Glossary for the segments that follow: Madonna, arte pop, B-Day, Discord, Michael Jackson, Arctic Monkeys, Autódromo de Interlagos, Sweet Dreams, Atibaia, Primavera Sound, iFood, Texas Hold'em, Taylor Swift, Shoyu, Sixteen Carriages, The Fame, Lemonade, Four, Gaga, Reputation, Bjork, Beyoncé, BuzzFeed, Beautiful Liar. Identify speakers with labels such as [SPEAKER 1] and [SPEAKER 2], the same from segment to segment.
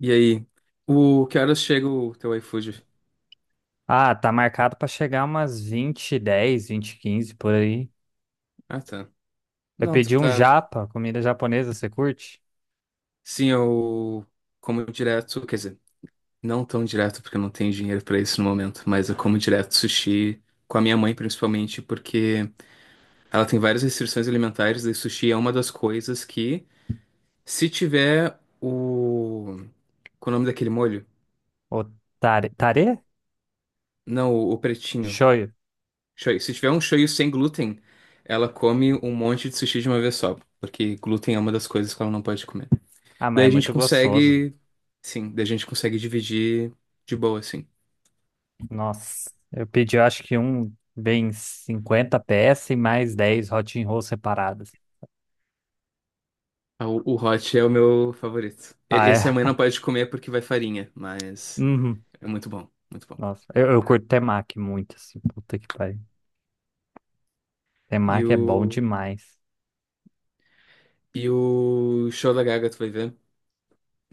[SPEAKER 1] E aí, o que horas chega o teu iFood?
[SPEAKER 2] Ah, tá marcado pra chegar umas 20, 10, 20, 15 por aí.
[SPEAKER 1] Ah, tá.
[SPEAKER 2] Eu
[SPEAKER 1] Não, tu
[SPEAKER 2] pedi um
[SPEAKER 1] tá.
[SPEAKER 2] japa, comida japonesa, você curte?
[SPEAKER 1] Sim, eu como direto, quer dizer, não tão direto porque eu não tenho dinheiro pra isso no momento, mas eu como direto sushi com a minha mãe, principalmente porque ela tem várias restrições alimentares e sushi é uma das coisas que, se tiver o, qual é o nome daquele molho?
[SPEAKER 2] O tare, tare?
[SPEAKER 1] Não, o pretinho.
[SPEAKER 2] Shoyu.
[SPEAKER 1] Shoyu. Se tiver um shoyu sem glúten, ela come um monte de sushi de uma vez só, porque glúten é uma das coisas que ela não pode comer.
[SPEAKER 2] Ah, mas
[SPEAKER 1] Daí
[SPEAKER 2] é
[SPEAKER 1] a gente
[SPEAKER 2] muito gostoso.
[SPEAKER 1] consegue. Sim, daí a gente consegue dividir de boa, assim.
[SPEAKER 2] Nossa, eu pedi, eu acho que um bem 50 peças e mais 10 hot roll separadas.
[SPEAKER 1] Ah, o hot é o meu favorito.
[SPEAKER 2] Ah,
[SPEAKER 1] Esse a
[SPEAKER 2] é?
[SPEAKER 1] mãe não pode comer porque vai farinha, mas
[SPEAKER 2] Uhum.
[SPEAKER 1] é muito bom, muito bom.
[SPEAKER 2] Nossa, eu curto temaki muito, assim, puta que pariu.
[SPEAKER 1] E
[SPEAKER 2] Temaki é bom
[SPEAKER 1] o,
[SPEAKER 2] demais.
[SPEAKER 1] e o show da Gaga, tu vai ver?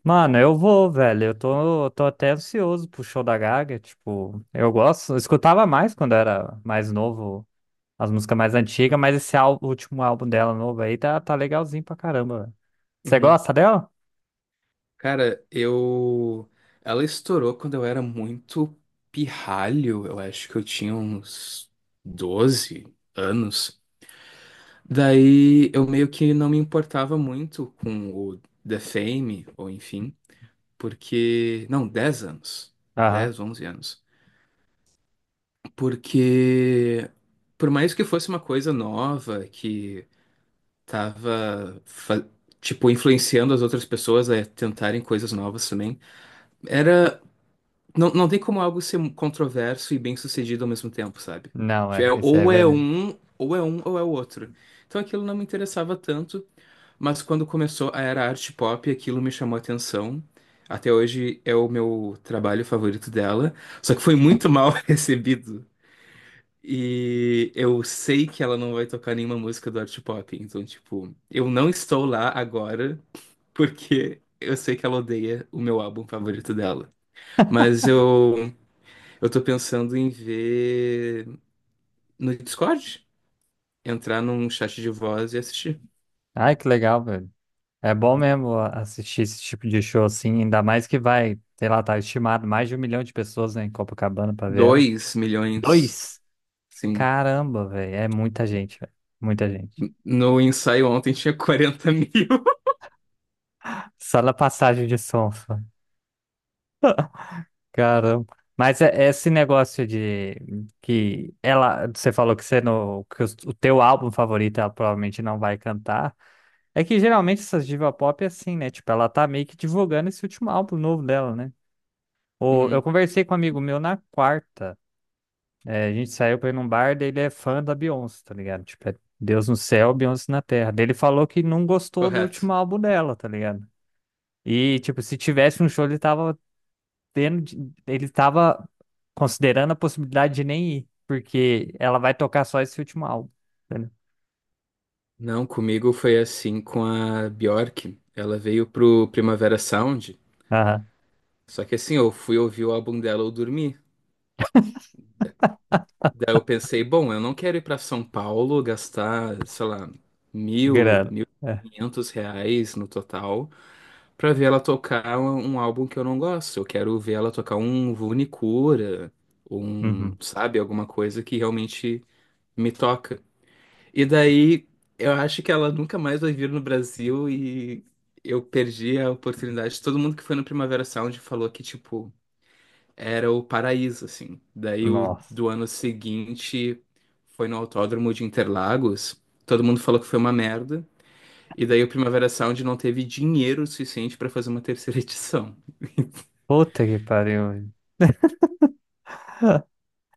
[SPEAKER 2] Mano, eu vou, velho. Eu tô até ansioso pro show da Gaga. Tipo, eu gosto. Eu escutava mais quando era mais novo, as músicas mais antigas, mas esse álbum, último álbum dela novo aí tá legalzinho pra caramba, velho. Você
[SPEAKER 1] Uhum.
[SPEAKER 2] gosta dela?
[SPEAKER 1] Cara, eu. Ela estourou quando eu era muito pirralho, eu acho que eu tinha uns 12 anos. Daí eu meio que não me importava muito com o The Fame, ou enfim. Porque. Não, 10 anos.
[SPEAKER 2] Aham.
[SPEAKER 1] 10, 11 anos. Porque, por mais que fosse uma coisa nova, que tava, tipo, influenciando as outras pessoas a tentarem coisas novas também, era. Não, não tem como algo ser controverso e bem-sucedido ao mesmo tempo, sabe?
[SPEAKER 2] Não,
[SPEAKER 1] Tipo,
[SPEAKER 2] é. Isso é
[SPEAKER 1] ou é
[SPEAKER 2] verdade.
[SPEAKER 1] um, ou é um, ou é o outro. Então aquilo não me interessava tanto. Mas quando começou a era arte pop, aquilo me chamou a atenção. Até hoje é o meu trabalho favorito dela, só que foi muito mal recebido. E eu sei que ela não vai tocar nenhuma música do arte pop, então, tipo, eu não estou lá agora porque eu sei que ela odeia o meu álbum favorito dela. Mas eu tô pensando em ver no Discord, entrar num chat de voz e assistir.
[SPEAKER 2] Ai, que legal, velho. É bom mesmo assistir esse tipo de show assim, ainda mais que vai, sei lá, tá estimado mais de um milhão de pessoas, né, em Copacabana pra ver ela.
[SPEAKER 1] 2 milhões,
[SPEAKER 2] Dois?
[SPEAKER 1] sim.
[SPEAKER 2] Caramba, velho. É muita gente, velho. Muita gente.
[SPEAKER 1] No ensaio ontem tinha 40 mil.
[SPEAKER 2] Só na passagem de som, só. Caramba. Mas é esse negócio de que ela, você falou que você no, que o teu álbum favorito ela provavelmente não vai cantar. É que geralmente essas diva pop é assim, né? Tipo, ela tá meio que divulgando esse último álbum novo dela, né? Ou eu
[SPEAKER 1] Uhum,
[SPEAKER 2] conversei com um amigo meu na quarta. É, a gente saiu pra ir num bar, daí ele é fã da Beyoncé, tá ligado? Tipo, é Deus no céu, Beyoncé na terra. Daí ele falou que não gostou do
[SPEAKER 1] correto.
[SPEAKER 2] último álbum dela, tá ligado? E, tipo, se tivesse um show, ele tava tendo, ele estava considerando a possibilidade de nem ir, porque ela vai tocar só esse último álbum. Entendeu?
[SPEAKER 1] Não, comigo foi assim com a Bjork. Ela veio pro Primavera Sound.
[SPEAKER 2] Aham,
[SPEAKER 1] Só que assim, eu fui ouvir o álbum dela. Eu dormi. Daí eu pensei, bom, eu não quero ir pra São Paulo gastar, sei lá, mil,
[SPEAKER 2] grana.
[SPEAKER 1] mil
[SPEAKER 2] É.
[SPEAKER 1] e quinhentos reais no total pra ver ela tocar um álbum que eu não gosto. Eu quero ver ela tocar um Vune um,
[SPEAKER 2] Uhum.
[SPEAKER 1] sabe, alguma coisa que realmente me toca. E daí eu acho que ela nunca mais vai vir no Brasil e eu perdi a oportunidade. Todo mundo que foi no Primavera Sound falou que, tipo, era o paraíso, assim. Daí o
[SPEAKER 2] Nossa.
[SPEAKER 1] do ano seguinte foi no Autódromo de Interlagos. Todo mundo falou que foi uma merda. E daí o Primavera Sound não teve dinheiro suficiente para fazer uma terceira edição.
[SPEAKER 2] Puta que pariu, velho.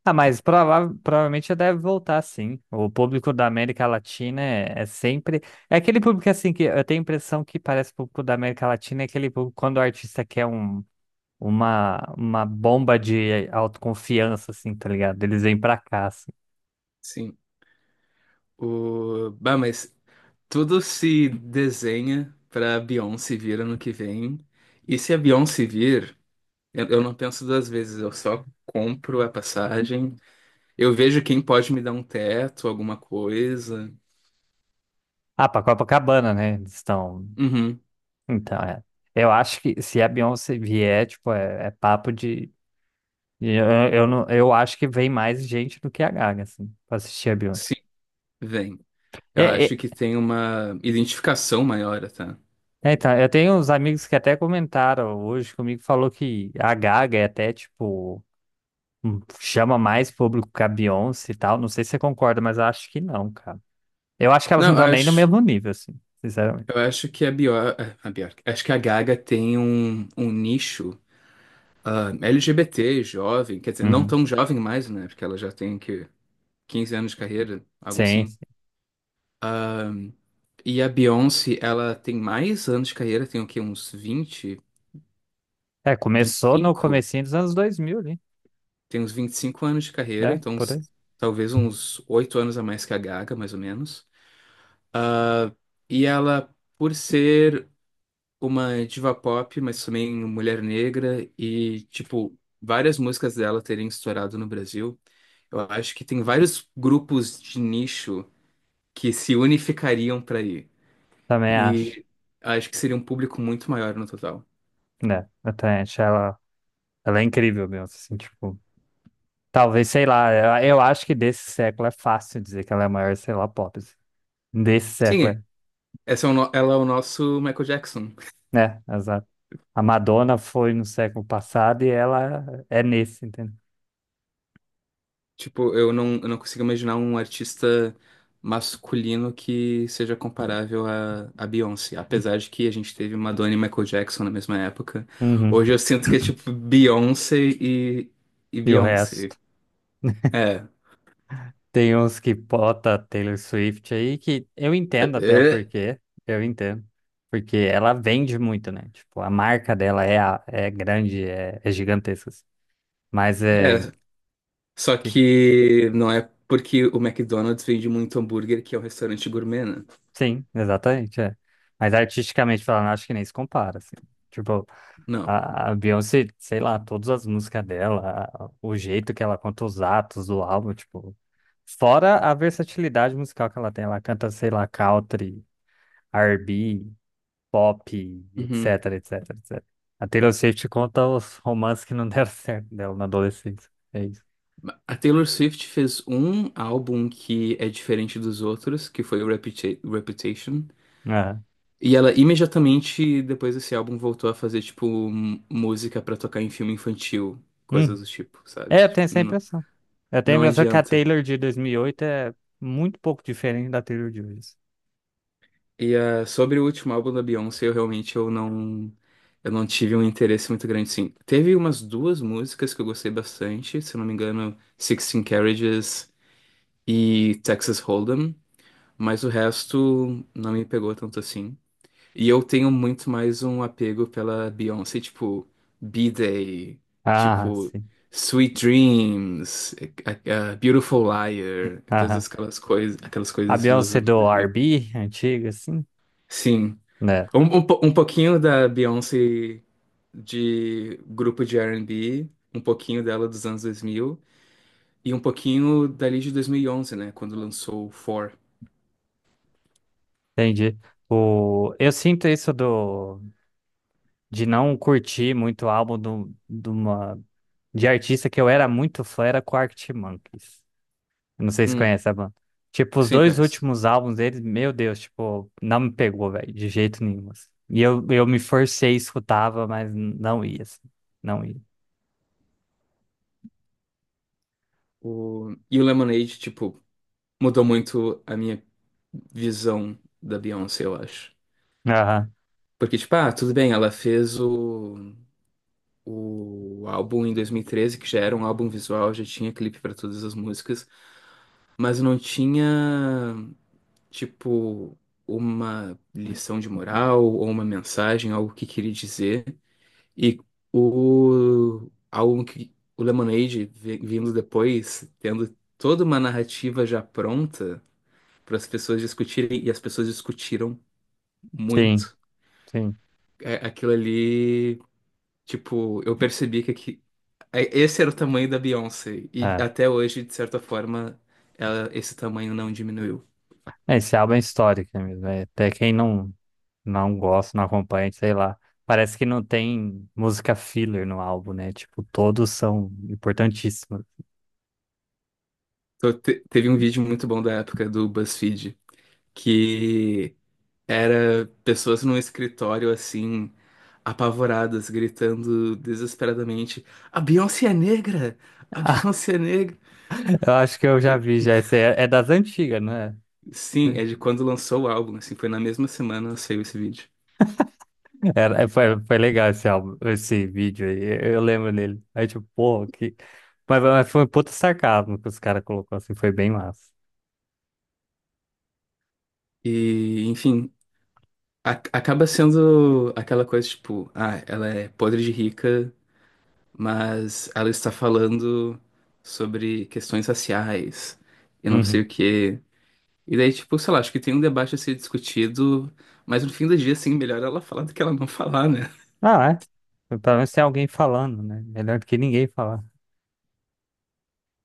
[SPEAKER 2] Ah, mas provavelmente já deve voltar, sim. O público da América Latina é sempre. É aquele público assim que eu tenho a impressão que parece público da América Latina, é aquele público quando o artista quer um, uma bomba de autoconfiança, assim, tá ligado? Eles vêm pra cá, assim.
[SPEAKER 1] Sim. Bah, mas tudo se desenha pra Beyoncé vir ano que vem. E se a Beyoncé vir. Eu não penso duas vezes, eu só compro a passagem. Eu vejo quem pode me dar um teto, alguma coisa.
[SPEAKER 2] Ah, pra Copacabana, né? Eles estão.
[SPEAKER 1] Uhum,
[SPEAKER 2] Então, é. Eu acho que se a Beyoncé vier, tipo, é papo de. Eu, não, eu acho que vem mais gente do que a Gaga, assim, pra assistir a Beyoncé.
[SPEAKER 1] sim, vem. Eu
[SPEAKER 2] É,
[SPEAKER 1] acho
[SPEAKER 2] é,
[SPEAKER 1] que tem uma identificação maior, tá?
[SPEAKER 2] então, eu tenho uns amigos que até comentaram hoje comigo, falou que a Gaga é até, tipo, chama mais público que a Beyoncé e tal. Não sei se você concorda, mas eu acho que não, cara. Eu acho que elas
[SPEAKER 1] Não,
[SPEAKER 2] não estão
[SPEAKER 1] eu
[SPEAKER 2] nem no
[SPEAKER 1] acho,
[SPEAKER 2] mesmo nível, assim, sinceramente.
[SPEAKER 1] eu acho que a Bjork, acho que a Gaga tem um nicho, LGBT, jovem, quer dizer, não
[SPEAKER 2] Uhum.
[SPEAKER 1] tão jovem mais, né? Porque ela já tem que 15 anos de carreira, algo
[SPEAKER 2] Sim.
[SPEAKER 1] assim. E a Beyoncé, ela tem mais anos de carreira, tem o quê? Uns vinte,
[SPEAKER 2] É,
[SPEAKER 1] vinte e
[SPEAKER 2] começou no
[SPEAKER 1] cinco
[SPEAKER 2] comecinho dos anos 2000 ali,
[SPEAKER 1] tem uns 25 anos de carreira,
[SPEAKER 2] né?
[SPEAKER 1] então
[SPEAKER 2] Por aí.
[SPEAKER 1] talvez uns 8 anos a mais que a Gaga, mais ou menos. Ah, e ela, por ser uma diva pop, mas também mulher negra e, tipo, várias músicas dela terem estourado no Brasil, eu acho que tem vários grupos de nicho que se unificariam para ir.
[SPEAKER 2] Também acho.
[SPEAKER 1] E acho que seria um público muito maior no total.
[SPEAKER 2] Né? Eu também acho ela é incrível mesmo, assim, tipo, talvez, sei lá, eu, acho que desse século é fácil dizer que ela é a maior, sei lá, pop, assim. Desse
[SPEAKER 1] Sim,
[SPEAKER 2] século
[SPEAKER 1] é.
[SPEAKER 2] é,
[SPEAKER 1] Essa é o no- Ela é o nosso Michael Jackson.
[SPEAKER 2] né? Exato. A Madonna foi no século passado e ela é nesse, entendeu?
[SPEAKER 1] Tipo, eu não consigo imaginar um artista masculino que seja comparável a Beyoncé. Apesar de que a gente teve Madonna e Michael Jackson na mesma época.
[SPEAKER 2] Uhum.
[SPEAKER 1] Hoje eu sinto que é tipo Beyoncé e
[SPEAKER 2] E o
[SPEAKER 1] Beyoncé.
[SPEAKER 2] resto.
[SPEAKER 1] É,
[SPEAKER 2] Tem uns que bota Taylor Swift aí que eu entendo até o
[SPEAKER 1] é,
[SPEAKER 2] porquê, eu entendo. Porque ela vende muito, né? Tipo, a marca dela é, é grande, é gigantesca, assim. Mas
[SPEAKER 1] é.
[SPEAKER 2] é,
[SPEAKER 1] É. Só que não é porque o McDonald's vende muito hambúrguer, que é um restaurante gourmet, né?
[SPEAKER 2] sim, exatamente, é. Mas artisticamente falando, acho que nem se compara, assim. Tipo,
[SPEAKER 1] Não.
[SPEAKER 2] a Beyoncé, sei lá, todas as músicas dela, o jeito que ela conta os atos do álbum, tipo, fora a versatilidade musical que ela tem, ela canta, sei lá, country, R&B, pop, etc,
[SPEAKER 1] Uhum.
[SPEAKER 2] etc, etc. A Taylor Swift conta os romances que não deram certo dela na adolescência. É isso.
[SPEAKER 1] A Taylor Swift fez um álbum que é diferente dos outros, que foi o Reputation.
[SPEAKER 2] Aham.
[SPEAKER 1] E ela imediatamente depois desse álbum voltou a fazer tipo música pra tocar em filme infantil,
[SPEAKER 2] Hum.
[SPEAKER 1] coisas do tipo, sabe?
[SPEAKER 2] É, eu tenho
[SPEAKER 1] Tipo,
[SPEAKER 2] essa impressão. Eu tenho a
[SPEAKER 1] não
[SPEAKER 2] impressão que a
[SPEAKER 1] adianta.
[SPEAKER 2] Taylor de 2008 é muito pouco diferente da Taylor de hoje.
[SPEAKER 1] E, sobre o último álbum da Beyoncé, eu realmente eu não tive um interesse muito grande, sim. Teve umas duas músicas que eu gostei bastante, se eu não me engano, Sixteen Carriages e Texas Hold'em, mas o resto não me pegou tanto assim. E eu tenho muito mais um apego pela Beyoncé, tipo, B-Day,
[SPEAKER 2] Ah,
[SPEAKER 1] tipo,
[SPEAKER 2] sim.
[SPEAKER 1] Sweet Dreams, a Beautiful Liar, todas
[SPEAKER 2] Aham.
[SPEAKER 1] aquelas
[SPEAKER 2] A
[SPEAKER 1] coisas dos
[SPEAKER 2] Beyoncé
[SPEAKER 1] anos
[SPEAKER 2] do
[SPEAKER 1] 2000.
[SPEAKER 2] R&B, antiga, assim.
[SPEAKER 1] Sim,
[SPEAKER 2] Né,
[SPEAKER 1] um pouquinho da Beyoncé de grupo de R&B, um pouquinho dela dos anos 2000 e um pouquinho dali de 2011, né, quando lançou o Four.
[SPEAKER 2] entendi. Eu sinto isso de não curtir muito o álbum de artista que eu era muito fã, era com Arctic Monkeys. Eu não sei se
[SPEAKER 1] Hum,
[SPEAKER 2] conhece a banda. Tipo, os
[SPEAKER 1] sim,
[SPEAKER 2] dois
[SPEAKER 1] conheço.
[SPEAKER 2] últimos álbuns deles, meu Deus, tipo, não me pegou, velho, de jeito nenhum, assim. E eu, me forcei, escutava, mas não ia, assim, não ia.
[SPEAKER 1] O, e o Lemonade, tipo, mudou muito a minha visão da Beyoncé, eu acho.
[SPEAKER 2] Aham,
[SPEAKER 1] Porque, tipo, tudo bem, ela fez o álbum em 2013, que já era um álbum visual, já tinha clipe pra todas as músicas, mas não tinha, tipo, uma lição de moral ou uma mensagem, algo que queria dizer. E o álbum que o Lemonade, vindo depois, tendo toda uma narrativa já pronta para as pessoas discutirem, e as pessoas discutiram
[SPEAKER 2] sim,
[SPEAKER 1] muito.
[SPEAKER 2] sim.
[SPEAKER 1] É, aquilo ali, tipo, eu percebi que aqui, esse era o tamanho da Beyoncé. E
[SPEAKER 2] É.
[SPEAKER 1] até hoje, de certa forma, ela, esse tamanho não diminuiu.
[SPEAKER 2] É, esse álbum é histórico, né, mesmo, é. Até quem não, não gosta, não acompanha, sei lá. Parece que não tem música filler no álbum, né? Tipo, todos são importantíssimos.
[SPEAKER 1] Então, teve um vídeo muito bom da época do BuzzFeed, que era pessoas num escritório, assim, apavoradas, gritando desesperadamente: A Beyoncé é negra! A Beyoncé é negra!
[SPEAKER 2] Eu acho que eu já vi, já. Esse é das antigas, não é?
[SPEAKER 1] Sim, é de quando lançou o álbum, assim, foi na mesma semana que saiu esse vídeo.
[SPEAKER 2] Foi legal esse álbum, esse vídeo aí, eu lembro dele. Aí tipo, pô, que... Mas foi um puta sarcasmo que os caras colocou assim, foi bem massa.
[SPEAKER 1] E, enfim. Acaba sendo aquela coisa tipo, ela é podre de rica, mas ela está falando sobre questões raciais e não sei
[SPEAKER 2] Uhum.
[SPEAKER 1] o quê. E daí, tipo, sei lá, acho que tem um debate a ser discutido, mas no fim do dia, assim, melhor ela falar do que ela não falar, né?
[SPEAKER 2] Ah, é. Então, pelo menos tem alguém falando, né? Melhor do que ninguém falar.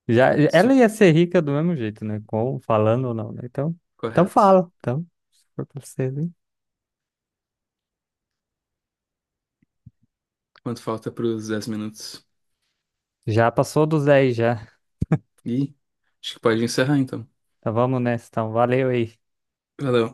[SPEAKER 2] Já, ela
[SPEAKER 1] Isso,
[SPEAKER 2] ia ser rica do mesmo jeito, né? Com, falando ou não, né? Então,
[SPEAKER 1] correto.
[SPEAKER 2] fala. Então, se for pra você, hein?
[SPEAKER 1] Quanto falta para os 10 minutos?
[SPEAKER 2] Já passou dos 10 já.
[SPEAKER 1] Ih, acho que pode encerrar então.
[SPEAKER 2] Então vamos nessa, então. Valeu aí.
[SPEAKER 1] Valeu.